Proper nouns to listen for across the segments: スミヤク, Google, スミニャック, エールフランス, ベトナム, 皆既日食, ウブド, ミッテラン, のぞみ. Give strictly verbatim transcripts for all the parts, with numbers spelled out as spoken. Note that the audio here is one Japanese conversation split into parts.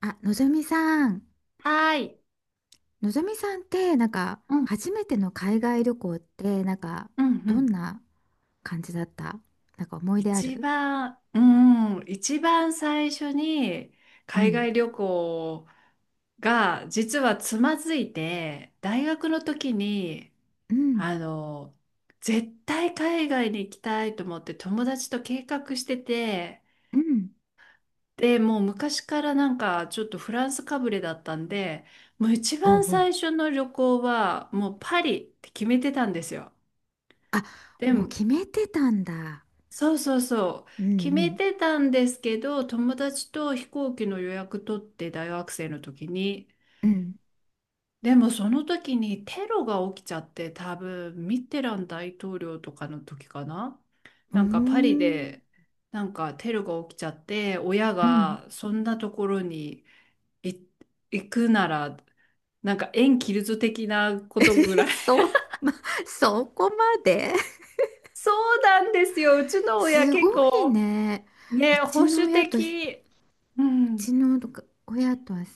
あ、のぞみさん、はーい。のぞみさんってなんか、うん、初めての海外旅行ってなんか、うん、うどんん。な感じだった？なんか思い出あ一る？番、うん、一番最初にう海ん、外旅行が実はつまずいて、大学の時に、うん、あの、絶対海外に行きたいと思って友達と計画してて、うん。で、もう昔からなんかちょっとフランスかぶれだったんで、もう一おう番おう。最初の旅行はもうパリって決めてたんですよ。あ、でもうも、決めてたんだ。そうそうそう。うん決うめん、てたんですけど、友達と飛行機の予約取って大学生の時に。うん。でもその時にテロが起きちゃって、多分ミッテラン大統領とかの時かな。うーなんかパリん、でなんかテロが起きちゃって、親うん。がそんなところにい行くなら、なんか縁切るぞ的な こえ、とぐらい。そう、ま、そこまで。 そうなんですよ。うち の親す結ごい構ね。うね、保ちの守親と、う的。うちん。の親とは違う。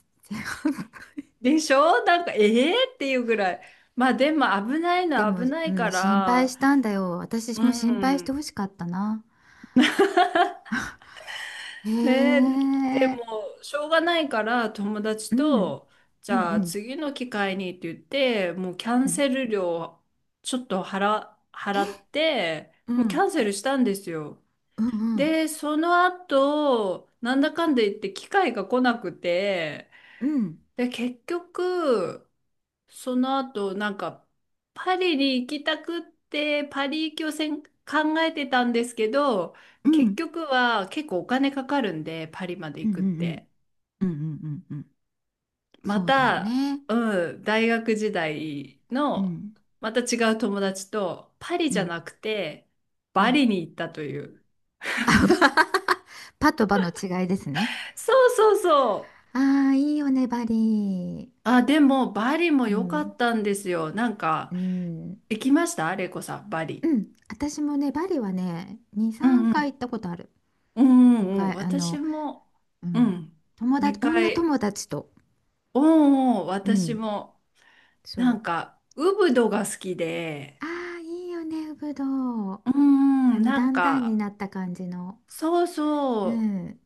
でしょなんか、ええー、っていうぐらい。まあでも危ないでのはも、危なういん、か心配ら、したんだよ。私うも心配してん。ほしかったな。へねえでえ、も、しょうがないから友達うん、と、じうんうゃあん、次の機会にって言って、もうキャうンん。セル料ちょっと払、え、払って、うもうキャん、ンセルしたんですよ。うんうん、で、その後、なんだかんだ言って機会が来なくて、うん、で、結局、その後、なんか、パリに行きたくって、パリ行きをせん考えてたんですけど、うん、う結ん、局は結構お金かかるんで、パリまでうん、行うくっん、て。うん、うん、うんうん、まそうだよた、ね。うん、大学時代うの、ん、また違う友達と、パリうじゃん、なくて、うバん。リに行ったという。あば。 パとバの違いですね。そうそうそう。ああ、いいよね、バリあ、でも、バリもー。う良かん、ったんですよ。なんうか、ん、行きましたレイコさん、バリ。うん。私もね、バリはね、に、うん3う回行っん。たことある。うんうん、昔、あ私の、も、ううん。ん、友達、2女回、友達と。うんうん、う私ん。も、そなう。んか、ウブドが好きで、ああ、いいよね、ぶどう。うんうあん、の、なんだんだんにか、なった感じの。そううそう、ん。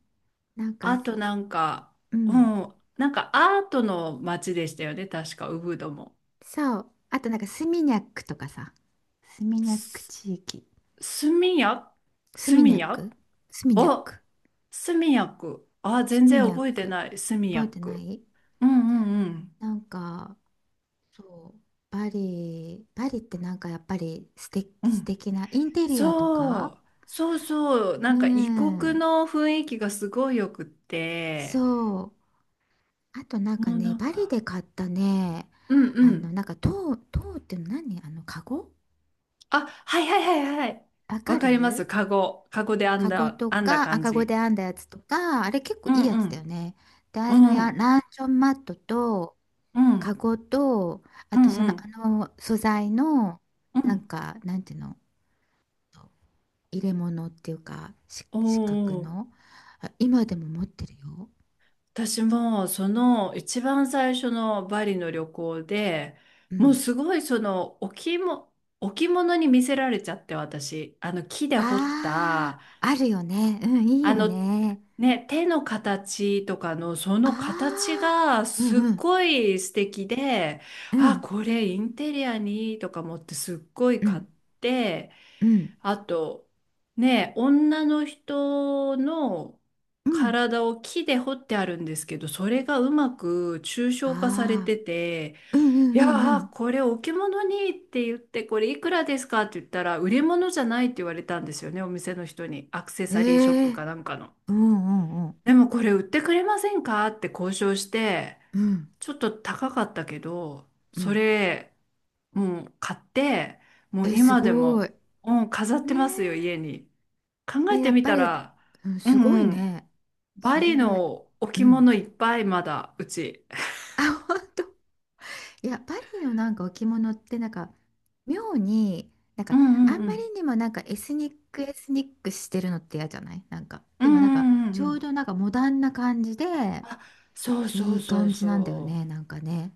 なんか、あとなんか、ううん。ん、なんかアートの街でしたよね、確か、ウブドも。そう。あと、なんか、スミニャックとかさ。スミニャックす地域。スミヤススミニミャッヤクスミニャッお、ク。スミヤク。あ、ス全ミ然ニャッ覚えてク。ない、スミ覚ヤえてなク。い。うんうんうん。なんか、そう。バリ、バリってなんかやっぱり素う敵、素ん敵なインテリアとそか。う、そうそう、なうんか異国ん。の雰囲気がすごいよくって、そう。あとなんかもうね、なんバリでか、買ったね、うんうあの、ん。なんか塔、塔っていうの何、あの、カゴ、あ、はいはいはいはい。わかわかります。る？カゴ、カゴで編んカゴだ、と編んだか、感赤子でじ。編んだやつとか、あれ結構ういいんやうつだよん。ね。で、あうれのや、ん。ランチョンマットと、うカん。ゴと、うあとんそうの、あんの、素材の、うなんん。か、なんていうの、入れ物っていうか、しお四角お、の、あ、今でも持ってるよ。私もその一番最初のバリの旅行で、うもうん。すごいその置物、置物に見せられちゃって私、あの木であ彫った、あ、あるよね。うん、いいあよの、ね。ね、手の形とかのそあの形あ、がうんすっうん、ごい素敵で、うあ、ん、これインテリアにいいとか思ってすっごいう買っん、て、うん、あと、ね、女の人のうん。体を木で彫ってあるんですけど、それがうまく抽象化されあてて、あ、うんいうやんうー、んこれ置物にって言って、これいくらですかって言ったら、売り物じゃないって言われたんですよね、お店の人に。アクセうん。サリーショッえプえ、かなんかの。うんうんうん、でもこれ売ってくれませんかって交渉して、うん、ちょっと高かったけど、うそん。れ、もう買って、もうえ、す今でごい。も、うん、飾っねてますよ、家に。考え。ええ、やてっみぱたり、ら、うん、うすごんいうん、ね。バそれリは、のう置物ん。いっぱいまだ、うち。あ、本当。いや、パリのなんか置物ってなんか、妙に、なんうか、んうあんんうまりん。にもなんかエスニックエスニックしてるのって嫌じゃないなんか？うんでうもなんか、んうんちうょうん。どなんかモダンな感じで、あ、そうそいういそう感じなんだよそね、なんかね。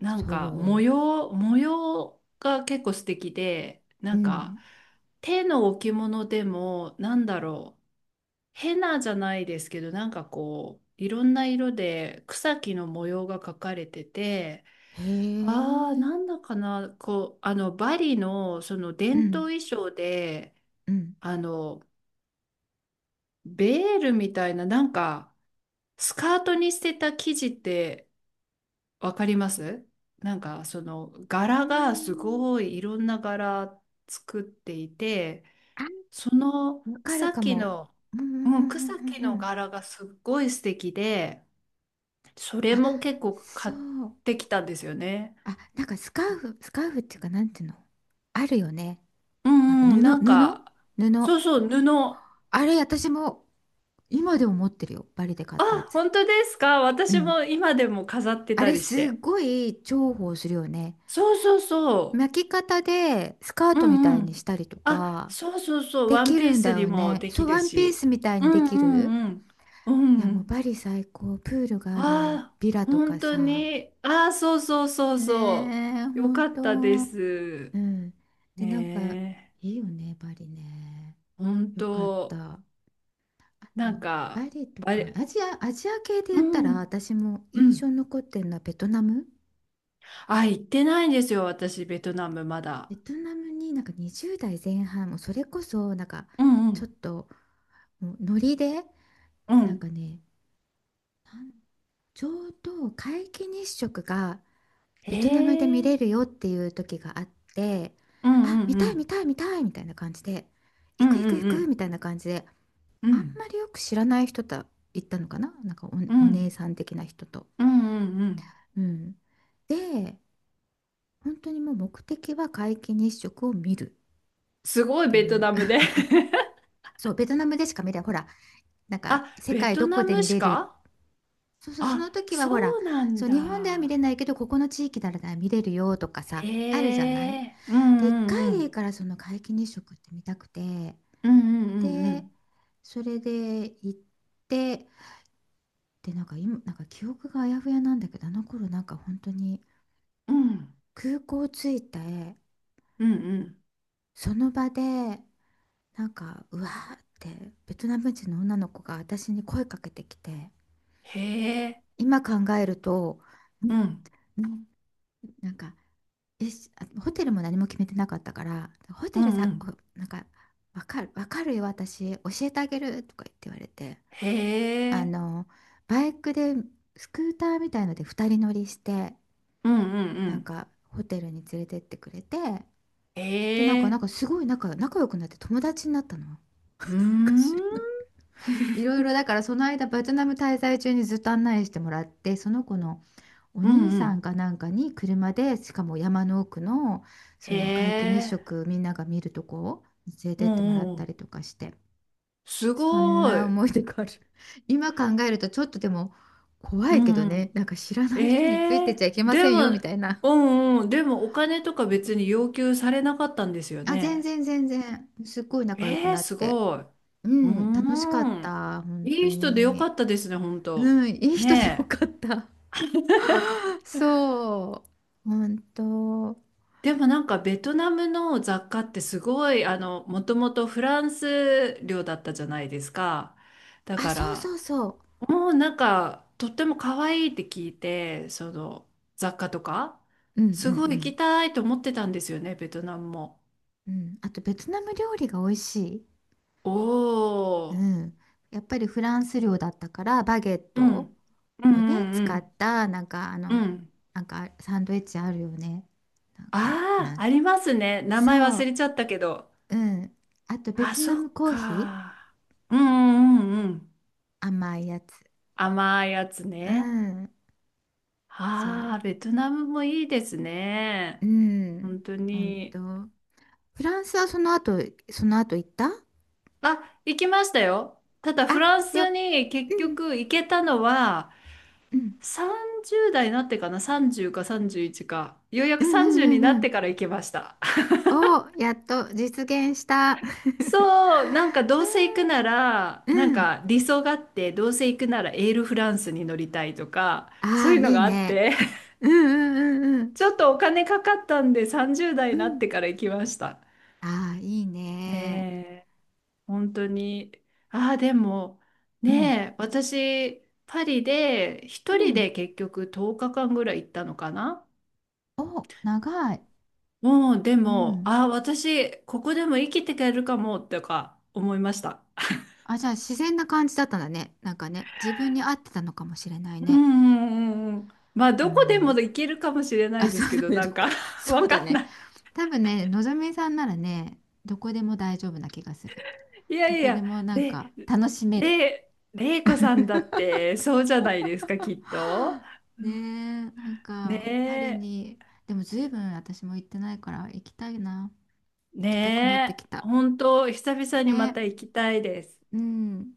う。なんか模そ様、模様が結構素敵で、う。うなんかん。手の置物でもなんだろう、ヘナじゃないですけど、なんかこう、いろんな色で草木の模様が描かれてて、へああ、え。なんだかな、こう、あの、バリのそのう伝統ん、衣装で、うん、うん。あの、ベールみたいな、なんか、スカートに捨てた生地って、わかりますなんかそのうー柄がすん。ごいいろんな柄作っていてあ、そのわかる草か木も。の、うん、うん、ううん、ん、う草木ん。うのんうん、柄がすっごい素敵でそれあ、も結構そ買っう。てきたんですよね。あ、なんかスカーフ、スカーフっていうか、なんていうの、あるよね。うなんかんうん布、なん布布。かそうそう布あれ、私も今でも持ってるよ。バリで買ったやあつ。本当ですかう私ん。も今でも飾ってあたれ、りしすてごい重宝するよね。そうそうそう巻き方でスカーうトみんたいうにしん。たりとあ、か、そうそうそう、でワンきピーるんだスによもね。でそきう、るワンピーし。スみたいうにでんきうる。んうん。うんいや、うもうん。バリ最高。プールがあるああ、ビラと本か当さ。に。ああ、そうそうそうねそえ、う。よほんかっと。たです。うん。で、なんか、ねいいよね、バリね。え。本よかっ当、た。あと、なんバか、リとあか、れ、アジア、アジア系でう言ったら、ん、私もう印象ん。に残ってるのはベトナム。あ、行ってないんですよ、私、ベトナムまだ。ベトナムになんかにじゅう代前半、もうそれこそ、なんか、うんうちょっん、と、もうノリで、うなんかん。ね、なんちょうど皆既日食がへベトナムで見れえ。るよっていう時があって、うんあ、うん見たうい見ん。たい見たいみたいな感じで、う行んく行うく行んうくん。みたいな感じで、うあんまんりよく知らない人と行ったのかな、なんか、うお、おん姉さん的な人と。うんうんうん。うん。で、本当にもう目的は皆既日食を見るすっごいてベいトう。ナムで そう、ベトナムでしか見れない。ほら、なんあ、か世ベ界トどナこでム見しれる。かそうそう、そのあ、時はほら、そうなんそう、日本では見れだ。ないけど、ここの地域なら見れるよとかさ、へあるじゃない。え。うんで、1うんう回でいいん。からその皆既日食って見たくて、うんうんうんうでん。それで行って、でなんか今なんか記憶があやふやなんだけど、あの頃なんか本当にうん空港着いて、うんうん。その場でなんかうわーってベトナム人の女の子が私に声かけてきて、へえ。今考えると、ううんんうん、なんか、え、し、あ、ホテルも何も決めてなかったから、ホうテんルうさ、お、ん。なんか、わかる、わかるよ、私教えてあげるとか言って言われて、へあえ。の、バイクで、スクーターみたいのでふたり乗りして、うんうんうなんん。かホテルに連れてってくれて、へで、なんか、なんえ。かすごい仲、仲良くなって友達になったの。なうーんか知ん。らない。いろいろだから、その間ベトナム滞在中にずっと案内してもらって、その子のおうん兄うさんん。かなんかに車でしかも山の奥のそへの皆既日え。食みんなが見るとこを連れうてっんてもらうっんうたりん。とかして、すそんごない。思い出がある。今考えるとちょっとでも怖ういけどんうね、ん。なんか知らない人についえてえちゃいけまでせんも、よみたいな。うんうん、でもお金とか別に要求されなかったんですよあ、全ね。然全然、すっごい仲良くええなっすて。ごい。ううーん、楽しかっん。た、本当いい人でよかに。ったですね、本当。うん、いい人でよねえ。かった。そう、本当。でもなんかベトナムの雑貨ってすごい、あの、もともとフランス領だったじゃないですか。だあ、かそうら、そうそもうなんか、とっても可愛いって聞いて、その雑貨とか、う。うんうんすごいう行ん。きたいと思ってたんですよね、ベトナムも。うん、あとベトナム料理が美味しい。おうー。ん。やっぱりフランス料だったからバゲッうトん。うんうをね使っんた、なんかあうんの、うん。なんかサンドイッチあるよね、なんかフラあンあ、ス。ありますね。名前そ忘う、れちゃったけど。うん、あとベあ、トナそムっコーヒか。うんうんうんうん。ー甘いやつ、甘いやつうね。ん、あそあ、ベトナムもいいですう、ね。うん、本当本当、に。フランスはその後その後行った？あ、行きましたよ。ただフあ、ランよ、スに結うん、局行けたのはうん、さんじゅうだい代になってかな。さんじゅうかさんじゅういちか。ようやうくん、さんじゅううにん、うなん、っうてん、から行けました。お、やっと実現した。 そう、なんかどうせ行くなら、うなんん、か理想があって、どうせ行くならエールフランスに乗りたいとか、そうああいーうのいいがあっね、て、うんうんうんちょっとお金かかったんでさんじゅうだい代うにんなうっん、てから行きました。ああーいいえね、え、本当に。ああ、でも、うん。ねえ、私、パリでう一人ん。で結局とおかかんぐらい行ったのかな。お、長い。もうでうも、ん。ああ、私、ここでも生きていけるかも、とか思いました。あ、じゃあ自然な感じだったんだね。なんかね、自分に合ってたのかもしれないうんね。うんうんうん。まあ、うどこでもん。行けるかもしれなあ、いでそすうけだど、ね、などんこ、か そわうだかんなね。い。多分ね、のぞみさんならね、どこでも大丈夫な気がする。いやどいこでや、もなんれ、か楽しめる。れ、れいこさんだって、そうじゃないですか、きっ と。はあ。うねんえ、なんかパリねに、でもずいぶ分私も行ってないから行きたいな。え、行きたくなってねきえ、た。本当、久々にねまた行きたいです。え、うん。